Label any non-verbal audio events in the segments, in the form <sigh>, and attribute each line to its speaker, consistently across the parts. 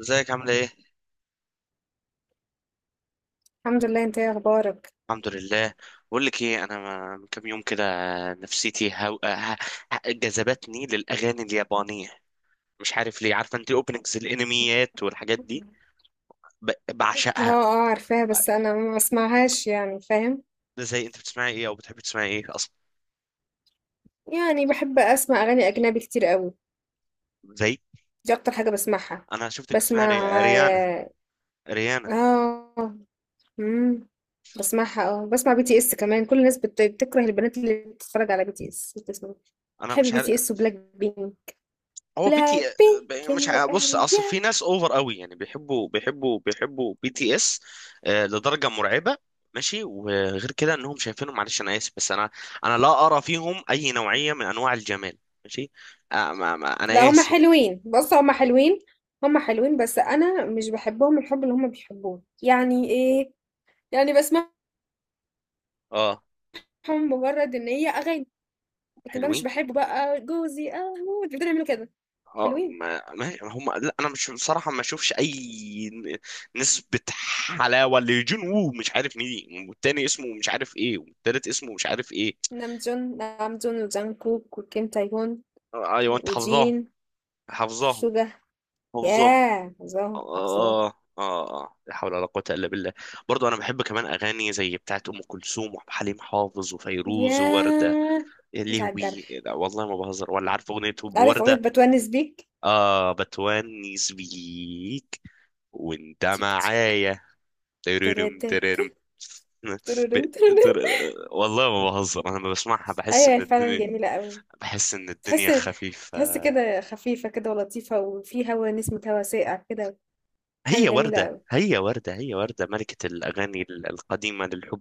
Speaker 1: ازيك عاملة ايه؟
Speaker 2: الحمد لله. انت ايه اخبارك؟
Speaker 1: الحمد لله. بقول لك ايه، انا من كام يوم كده نفسيتي جذبتني للاغاني اليابانية. مش عارف ليه. عارفة انت اوبننجز الانميات والحاجات دي؟
Speaker 2: اه
Speaker 1: بعشقها.
Speaker 2: اه، عارفاها بس انا ما بسمعهاش، يعني فاهم.
Speaker 1: زي انت بتسمعي ايه او بتحبي تسمعي ايه اصلا؟
Speaker 2: يعني بحب اسمع اغاني اجنبي كتير قوي.
Speaker 1: زي.
Speaker 2: دي اكتر حاجه بسمعها.
Speaker 1: انا شفتك بتسمعي
Speaker 2: بسمع
Speaker 1: ريانا.
Speaker 2: اه.
Speaker 1: ريانا.
Speaker 2: اه، امم بسمعها اه. بسمع بي تي اس كمان. كل الناس بتكره البنات اللي بتتفرج على بي تي اس بتسمع.
Speaker 1: انا
Speaker 2: بحب
Speaker 1: مش
Speaker 2: بي
Speaker 1: عارف.
Speaker 2: تي اس وبلاك بينك.
Speaker 1: هو بي تي
Speaker 2: بلاك
Speaker 1: آه، مش
Speaker 2: بينك
Speaker 1: ع- بص، اصل في
Speaker 2: واريا.
Speaker 1: ناس اوفر قوي، يعني بيحبوا بي تي اس. لدرجه مرعبه. ماشي، وغير كده انهم شايفينهم، معلش انا اسف، بس انا انا لا ارى فيهم اي نوعيه من انواع الجمال. ماشي. آه ما ما
Speaker 2: لا
Speaker 1: انا
Speaker 2: هما
Speaker 1: اسف.
Speaker 2: حلوين، بص هما حلوين. هما حلوين بس انا مش بحبهم الحب اللي هما بيحبوه، يعني ايه. يعني بسمع
Speaker 1: اه
Speaker 2: هم مجرد إن هي أغاني، لكن بقى مش
Speaker 1: حلوين.
Speaker 2: باحبه بقى جوزي أموت بيفضلوا يعملوا كده.
Speaker 1: اه،
Speaker 2: حلوين.
Speaker 1: ما هم لا، انا مش بصراحه ما اشوفش اي نسبه حلاوه لجون وو، مش عارف مين، والتاني اسمه مش عارف ايه، والتالت اسمه مش عارف ايه.
Speaker 2: نامجون نامجون وجانكوك وكيم تايهون
Speaker 1: ايوه انت حافظاهم.
Speaker 2: وجين
Speaker 1: حافظاهم.
Speaker 2: سوجا.
Speaker 1: حافظاهم.
Speaker 2: ياه! حافظاهم، حافظاهم.
Speaker 1: اه اه اه، لا حول ولا قوة الا بالله. برضو انا بحب كمان اغاني زي بتاعت ام كلثوم وعبد الحليم حافظ وفيروز ووردة.
Speaker 2: ياه!
Speaker 1: يا
Speaker 2: جيت على
Speaker 1: لهوي،
Speaker 2: الجرح.
Speaker 1: لا والله ما بهزر، ولا عارف اغنية
Speaker 2: عارف أغنية
Speaker 1: وردة.
Speaker 2: باتونس بيك؟
Speaker 1: اه، بتونس بيك، وانت
Speaker 2: تيك تيك.
Speaker 1: معايا. تررم
Speaker 2: تراتات.
Speaker 1: تررم. <laughs> ب...
Speaker 2: ترورم ترورم.
Speaker 1: تر... والله ما بهزر، انا لما بسمعها بحس
Speaker 2: أيوه،
Speaker 1: ان
Speaker 2: هي فعلًا
Speaker 1: الدنيا،
Speaker 2: جميلة أوي.
Speaker 1: بحس ان الدنيا
Speaker 2: تحس.
Speaker 1: خفيفة.
Speaker 2: تحس كده خفيفة كده ولطيفة، وفي هوا نسمة هوا ساقع كده. حاجة
Speaker 1: هي
Speaker 2: جميلة
Speaker 1: وردة،
Speaker 2: أوي.
Speaker 1: هي وردة، هي وردة ملكة الاغاني القديمة للحب.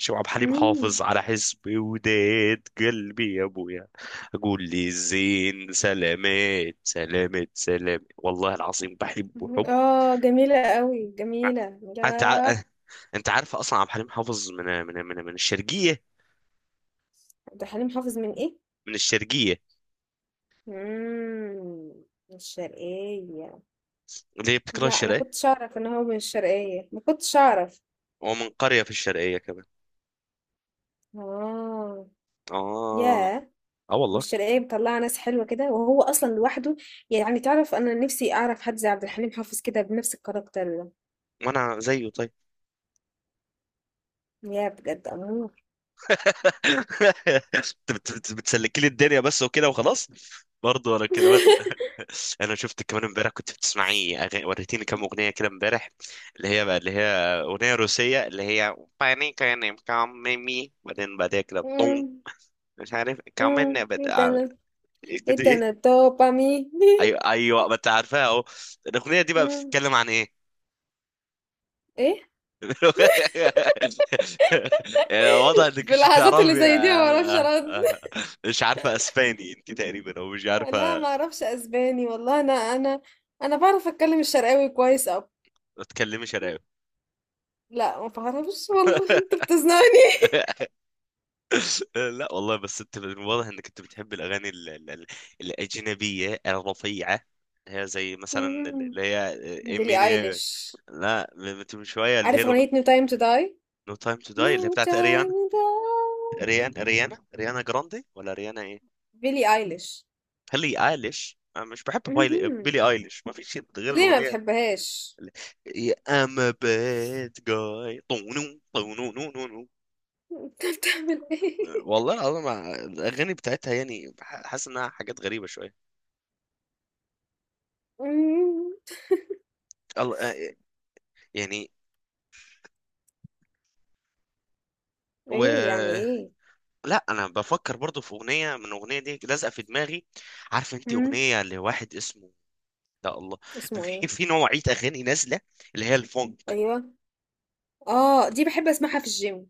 Speaker 1: ماشي، وعبد الحليم
Speaker 2: إمم.
Speaker 1: حافظ على حسبي وداد قلبي يا ابويا، اقول لي الزين سلامات سلامات سلامات. والله العظيم بحبه حب.
Speaker 2: اه جميلة قوي، جميلة.
Speaker 1: انت
Speaker 2: لا،
Speaker 1: ع... انت عارف اصلا عبد الحليم حافظ من الشرقيه؟
Speaker 2: عبد الحليم حافظ من ايه؟
Speaker 1: من الشرقيه.
Speaker 2: مم. من الشرقية.
Speaker 1: اللي هي بتكره
Speaker 2: لا ما
Speaker 1: الشرقيه.
Speaker 2: كنتش اعرف ان هو من الشرقية، ما كنتش اعرف.
Speaker 1: هو من قريه في الشرقيه كمان.
Speaker 2: اه.
Speaker 1: اه.
Speaker 2: ياه.
Speaker 1: اه والله.
Speaker 2: والشرقية مطلعة ناس حلوة كده، وهو اصلا لوحده. يعني تعرف انا نفسي اعرف حد زي عبد الحليم حافظ كده بنفس الكاركتر ده.
Speaker 1: وانا زيه، طيب.
Speaker 2: يا بجد امور.
Speaker 1: <laughs> بتسلكي لي الدنيا بس وكده وخلاص. برضه انا كده.
Speaker 2: <laughs>
Speaker 1: انا شفتك كمان امبارح كنت بتسمعي أغاني، وريتيني كام اغنيه كده امبارح، اللي هي بقى، اللي هي اغنيه روسيه اللي هي باني كان كاميمي، بعدين بعدها كده طون،
Speaker 2: مم.
Speaker 1: مش عارف
Speaker 2: مم.
Speaker 1: كمان بد...
Speaker 2: ايه
Speaker 1: آه،
Speaker 2: تاني؟
Speaker 1: كنت
Speaker 2: ايه تاني؟
Speaker 1: ايه.
Speaker 2: دوبامين.
Speaker 1: ايوه ايوه، ما انت عارفها اهو. الاغنيه دي
Speaker 2: <laughs>
Speaker 1: بقى
Speaker 2: مم.
Speaker 1: بتتكلم عن ايه؟
Speaker 2: ايه.
Speaker 1: <laughs> يعني واضح انك
Speaker 2: في
Speaker 1: مش
Speaker 2: اللحظات اللي
Speaker 1: بتعرفي.
Speaker 2: زي دي ما بعرفش ارد.
Speaker 1: مش عارفه اسباني انت تقريبا، او مش عارفه.
Speaker 2: لا ما اعرفش اسباني والله. انا بعرف اتكلم الشرقاوي كويس او
Speaker 1: ما تتكلمي شراوي.
Speaker 2: لا. ما بعرفش والله. <laughs> انت
Speaker 1: <laughs>
Speaker 2: بتزنقني.
Speaker 1: لا والله، بس انت من واضح انك انت بتحب الاغاني الاجنبيه الرفيعه. هي زي مثلا
Speaker 2: مهم.
Speaker 1: اللي هي
Speaker 2: بيلي
Speaker 1: امين.
Speaker 2: ايليش.
Speaker 1: لا، من من شويه اللي هي
Speaker 2: عارف
Speaker 1: الاغنيه
Speaker 2: اغنية No Time to Die؟
Speaker 1: نو تايم تو داي،
Speaker 2: No
Speaker 1: اللي هي بتاعت
Speaker 2: Time
Speaker 1: اريانا.
Speaker 2: to Die.
Speaker 1: اريان اريانا اريانا جراندي، ولا اريانا ايه؟
Speaker 2: بيلي ايليش.
Speaker 1: هلي ايليش. أنا مش بحب
Speaker 2: مهم.
Speaker 1: بيلي ايليش، ما فيش شيء غير
Speaker 2: ليه ما
Speaker 1: الاغنيه
Speaker 2: بتحبهاش؟
Speaker 1: اللي. I'm a bad guy طونو طونو نو نو نو.
Speaker 2: <laughs> انت بتعمل ايه؟
Speaker 1: والله العظيم الاغاني بتاعتها يعني حاسس انها حاجات غريبه شويه.
Speaker 2: مم.
Speaker 1: الله آه، يعني
Speaker 2: ايه يعني
Speaker 1: و،
Speaker 2: ايه؟
Speaker 1: لا انا بفكر برضو في اغنيه، من الاغنيه دي لازقه في دماغي. عارف انت
Speaker 2: مم.
Speaker 1: اغنيه لواحد اسمه، لا الله،
Speaker 2: اسمه
Speaker 1: في
Speaker 2: ايه؟
Speaker 1: في نوعيه اغاني نازله اللي هي الفونك.
Speaker 2: ايوه. اه دي بحب اسمعها في الجيم.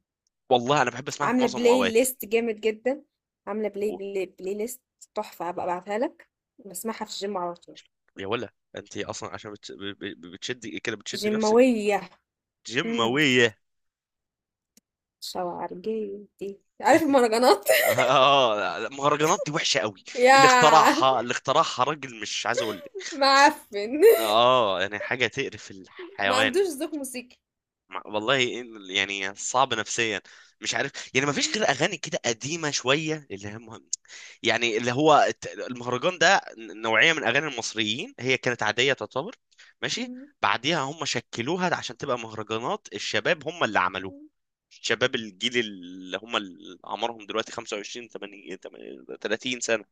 Speaker 1: والله انا بحب اسمعها في
Speaker 2: عاملة
Speaker 1: معظم
Speaker 2: بلاي
Speaker 1: الاوقات.
Speaker 2: ليست جامد جدا. عاملة
Speaker 1: و-
Speaker 2: بلاي ليست تحفة. هبقى ابعتها لك. بسمعها في الجيم على طول.
Speaker 1: يا، ولا انت اصلا عشان بتشدي كده، بتشدي نفسك.
Speaker 2: جيماوية. امم
Speaker 1: جماويه.
Speaker 2: شوارجيتي عارف المهرجانات
Speaker 1: <laughs>
Speaker 2: <laughs>
Speaker 1: اه المهرجانات دي وحشه قوي. اللي
Speaker 2: يا
Speaker 1: اخترعها، اللي اخترعها راجل مش عايز اقول لك.
Speaker 2: معفن
Speaker 1: اه يعني حاجه تقرف
Speaker 2: ما
Speaker 1: الحيوان.
Speaker 2: عندوش ذوق موسيقي
Speaker 1: والله يعني صعب نفسيا، مش عارف يعني، ما فيش غير اغاني كده قديمه شويه اللي هي مهم. يعني اللي هو المهرجان ده نوعيه من اغاني المصريين، هي كانت عاديه تعتبر. ماشي. بعديها هم شكلوها عشان تبقى مهرجانات الشباب، هم اللي عملوها. شباب الجيل اللي هم اللي عمرهم دلوقتي 25 8 30 سنه.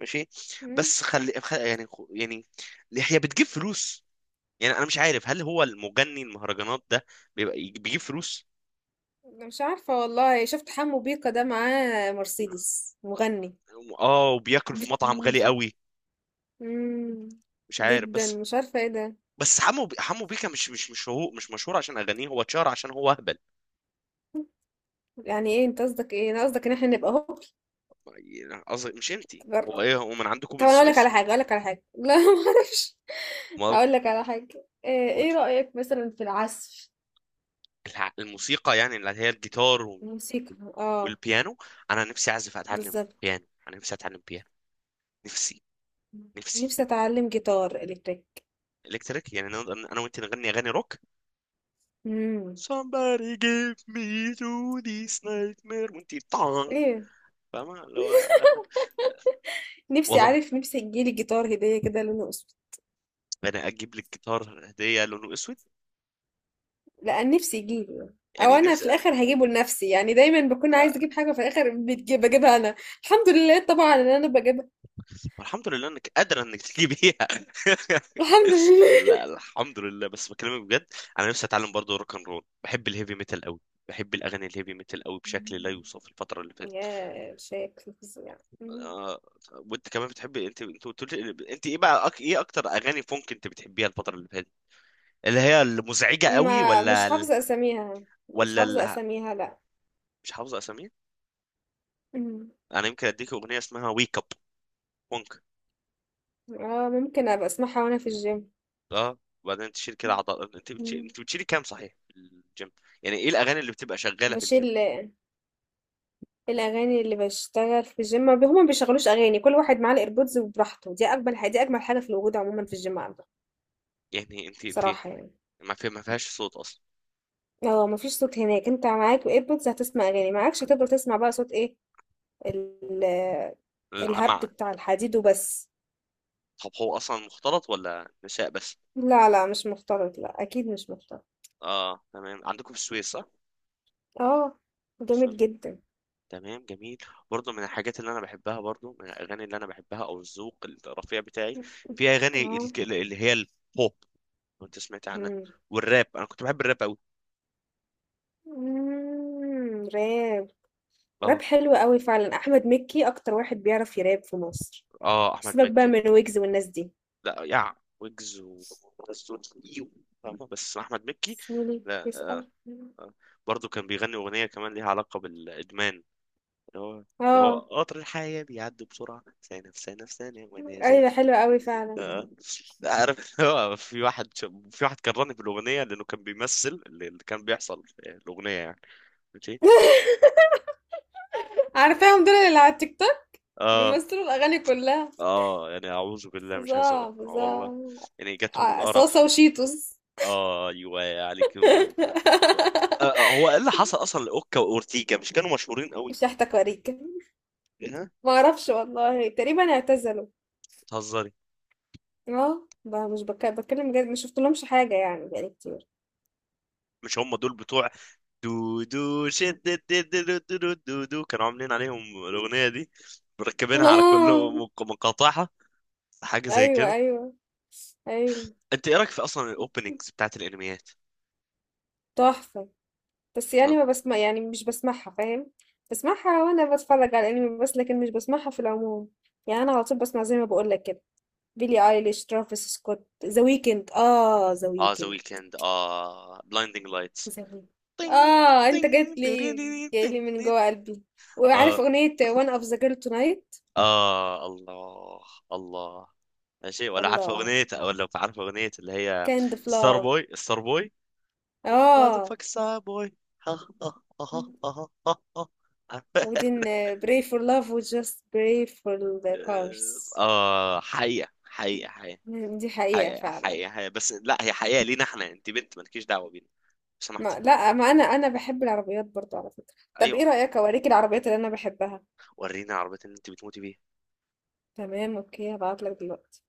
Speaker 1: ماشي. بس خلي خ- يعني خ- يعني هي بتجيب فلوس. يعني انا مش عارف هل هو المغني المهرجانات ده بيبقى بيجيب فلوس؟
Speaker 2: أنا مش عارفة والله شفت حمو بيكا ده معاه مرسيدس مغني
Speaker 1: اه، وبياكل في
Speaker 2: بت...
Speaker 1: مطعم غالي قوي.
Speaker 2: مم.
Speaker 1: مش عارف
Speaker 2: جدا
Speaker 1: بس.
Speaker 2: مش عارفة ايه ده
Speaker 1: بس حمو بيكا مش مشهور عشان اغانيه، هو اتشهر عشان هو اهبل.
Speaker 2: يعني ايه انت قصدك ايه انا قصدك ان احنا نبقى
Speaker 1: يعني قصدي مش انتي، هو
Speaker 2: هوب
Speaker 1: ايه هو من عندكم من
Speaker 2: طب انا اقول لك
Speaker 1: السويس؟
Speaker 2: على حاجه اقول لك على حاجه <laughs> لا ما اعرفش
Speaker 1: امال.
Speaker 2: اقول لك على حاجه آه، ايه
Speaker 1: قولي.
Speaker 2: رايك مثلا في العزف
Speaker 1: الموسيقى يعني اللي هي الجيتار
Speaker 2: الموسيقى اه
Speaker 1: والبيانو. انا نفسي اعزف، اتعلم
Speaker 2: بالظبط
Speaker 1: بيانو. انا نفسي اتعلم بيانو. نفسي. نفسي.
Speaker 2: نفسي اتعلم جيتار الكتريك
Speaker 1: الكتريك، يعني انا، أنا وانت نغني اغاني روك.
Speaker 2: امم
Speaker 1: somebody give me to this nightmare وانتي طعن.
Speaker 2: ايه.
Speaker 1: فاهمة اللي هو.
Speaker 2: نفسي،
Speaker 1: والله
Speaker 2: عارف، نفسي يجيلي جيتار هديه كده لونه اسود.
Speaker 1: انا اجيب لك جيتار هدية لونه اسود.
Speaker 2: لا، نفسي يجيلي. او
Speaker 1: يعني
Speaker 2: انا في
Speaker 1: نفسي.
Speaker 2: الاخر هجيبه لنفسي، يعني دايما بكون عايز
Speaker 1: أ-
Speaker 2: اجيب حاجه في الاخر بجيبها انا. الحمد لله طبعا ان انا بجيبها.
Speaker 1: والحمد لله انك قادرة انك تجيبيها.
Speaker 2: الحمد
Speaker 1: <laughs> لا
Speaker 2: لله.
Speaker 1: الحمد لله، بس بكلمك بجد. انا نفسي اتعلم برضه روك اند رول. بحب الهيفي ميتال قوي. بحب الاغاني الهيفي ميتال قوي بشكل لا يوصف الفترة اللي
Speaker 2: <laughs>
Speaker 1: فاتت.
Speaker 2: يا شكل فظيع.
Speaker 1: آه، وانت كمان بتحبي، انت انت قلت لي انت ايه بقى ايه اكتر اغاني فونك انت بتحبيها الفترة اللي فاتت، اللي هي المزعجة قوي،
Speaker 2: ما مش
Speaker 1: ولا؟
Speaker 2: حافظة أساميها. مش
Speaker 1: ولا
Speaker 2: حافظة
Speaker 1: ال،
Speaker 2: أساميها، لأ.
Speaker 1: مش حافظ اساميه.
Speaker 2: مم.
Speaker 1: انا يمكن اديك اغنيه اسمها ويك اب، بونك.
Speaker 2: اه ممكن أبقى أسمعها وأنا في الجيم.
Speaker 1: اه. وبعدين تشيل كده عضل. انت
Speaker 2: مم.
Speaker 1: انت بتشيلي كام صحيح في الجيم؟ يعني ايه الاغاني اللي بتبقى شغاله في
Speaker 2: بشيل.
Speaker 1: الجيم؟
Speaker 2: الأغاني اللي بشتغل في الجيم، ما بي- هما ما بيشغلوش أغاني. كل واحد معاه الإيربودز وبراحته. دي أجمل حاجة، دي أجمل حاجة في الوجود عموما في الجيم عندك
Speaker 1: يعني انت انت
Speaker 2: بصراحة، يعني.
Speaker 1: ما في، ما فيهاش صوت اصلا؟
Speaker 2: اه مفيش صوت هناك. انت معاك ايربودز هتسمع أغاني، معاكش هتفضل تسمع بقى صوت ايه؟ ال- الهبد
Speaker 1: العمع.
Speaker 2: بتاع الحديد وبس.
Speaker 1: طب هو اصلا مختلط ولا نساء بس؟
Speaker 2: لا لا مش مختلط، لا أكيد مش مختلط.
Speaker 1: اه تمام، عندكم في السويس صح.
Speaker 2: اه.
Speaker 1: بسم
Speaker 2: جامد
Speaker 1: الله.
Speaker 2: جدا.
Speaker 1: تمام، جميل. برضو من الحاجات اللي انا بحبها، برضو من الاغاني اللي انا بحبها، او الذوق الرفيع بتاعي، في اغاني
Speaker 2: آه.
Speaker 1: اللي هي البوب، لو انت سمعت عنها،
Speaker 2: إمم.
Speaker 1: والراب. انا كنت بحب الراب قوي.
Speaker 2: إمم، راب.
Speaker 1: اه.
Speaker 2: راب حلو أوي فعلًا. أحمد مكي أكتر واحد بيعرف يراب في مصر.
Speaker 1: اه احمد
Speaker 2: سيبك بقى
Speaker 1: مكي.
Speaker 2: من ويجز والناس دي.
Speaker 1: لا يع، ويجز و، إيو. فاهمة؟ بس احمد مكي.
Speaker 2: تسألني
Speaker 1: لا. آه.
Speaker 2: تسأل.
Speaker 1: آه. برضه كان بيغني اغنيه كمان ليها علاقه بالادمان، اللي هو، اللي هو
Speaker 2: آه.
Speaker 1: قطر الحياه بيعدي بسرعه، ثانيه في ثانيه في ثانيه وانا
Speaker 2: أيوه
Speaker 1: زي.
Speaker 2: حلو أوي فعلًا.
Speaker 1: آه. عارف. <laughs> هو في واحد، في واحد كرهني في الاغنيه، لانه كان بيمثل اللي كان بيحصل في الاغنيه يعني. ماشي.
Speaker 2: <laughs> عارفاهم دول اللي على التيك توك
Speaker 1: اه
Speaker 2: بيمثلوا الأغاني كلها.
Speaker 1: اه يعني اعوذ بالله، مش عايز اقول.
Speaker 2: فظاع،
Speaker 1: آه والله،
Speaker 2: فظاع.
Speaker 1: يعني جاتهم
Speaker 2: ع صاصة
Speaker 1: القرف.
Speaker 2: وشيتوس.
Speaker 1: اه ايوه عليك. آه،
Speaker 2: <laughs>
Speaker 1: هو ايه اللي حصل اصلا لاوكا واورتيجا؟ مش كانوا مشهورين قوي؟
Speaker 2: مش هاحتكريك.
Speaker 1: إيه، ها؟
Speaker 2: ما أعرفش والله، تقريبًا اعتزلوا.
Speaker 1: بتهزري.
Speaker 2: آه، مش بك باتكلم بجد، ما شُفتلهمش حاجة يعني بقى لي كتير.
Speaker 1: مش هم دول بتوع دو دو شد دو دو، دو دو دو دو، كانوا عاملين عليهم الاغنيه دي،
Speaker 2: <laughs>
Speaker 1: مركبينها على كل
Speaker 2: آه،
Speaker 1: مقاطعها، حاجه زي
Speaker 2: أيوه،
Speaker 1: كده.
Speaker 2: أيوه، أيوه.
Speaker 1: انت ايه رايك في اصلا الاوبننجز بتاعت الانميات؟
Speaker 2: تحفة. بس يعني
Speaker 1: بتهز-
Speaker 2: ما باسما يعني مش باسمعها، فاهم؟ باسمعها وأنا باتفرّج على الأنمي بس، لكن مش باسمعها في العموم. يعني أنا على طول باسمع زي ما باقول لك كده، بيلي أيليش، ترافيس سكوت، ذا ويكند، ذا
Speaker 1: اه ذا
Speaker 2: ويكند.
Speaker 1: ويكند، اه بلايندينج لايتس.
Speaker 2: ذا ويكند.
Speaker 1: تين،
Speaker 2: آه، أنت جيت
Speaker 1: تين
Speaker 2: لي.
Speaker 1: تيريري
Speaker 2: جاي لي
Speaker 1: تين
Speaker 2: من
Speaker 1: تين.
Speaker 2: جوّه قلبي. وعارف
Speaker 1: اه.
Speaker 2: أغنية One of the girl tonight؟
Speaker 1: اه الله. الله. ماشي. ولا عارفه
Speaker 2: الله!
Speaker 1: اغنيه، ولا لو عارفه اغنيه اللي هي
Speaker 2: Kind of
Speaker 1: ستار
Speaker 2: love.
Speaker 1: بوي، ستار بوي. ماذا
Speaker 2: آه.
Speaker 1: فاك ستار بوي. ها ها ها ها ها ها.
Speaker 2: We
Speaker 1: عارفة؟
Speaker 2: didn't pray for love, we just pray for the
Speaker 1: <laughs>
Speaker 2: cars.
Speaker 1: اه حقيقه حقيقه حقيقه.
Speaker 2: دي حقيقة
Speaker 1: حقيقه
Speaker 2: فعلا.
Speaker 1: حقيقه حقيقة. بس لا هي حقيقه لينا احنا، انت بنت مالكيش دعوه بينا لو سمحتي.
Speaker 2: ما لا ما انا بحب العربيات برضو على فكرة. طب ايه
Speaker 1: ايوه.
Speaker 2: رأيك اوريك العربيات اللي انا بحبها.
Speaker 1: ورينا عربيه اللي انت بتموتي بيها.
Speaker 2: تمام اوكي، هبعتلك دلوقتي.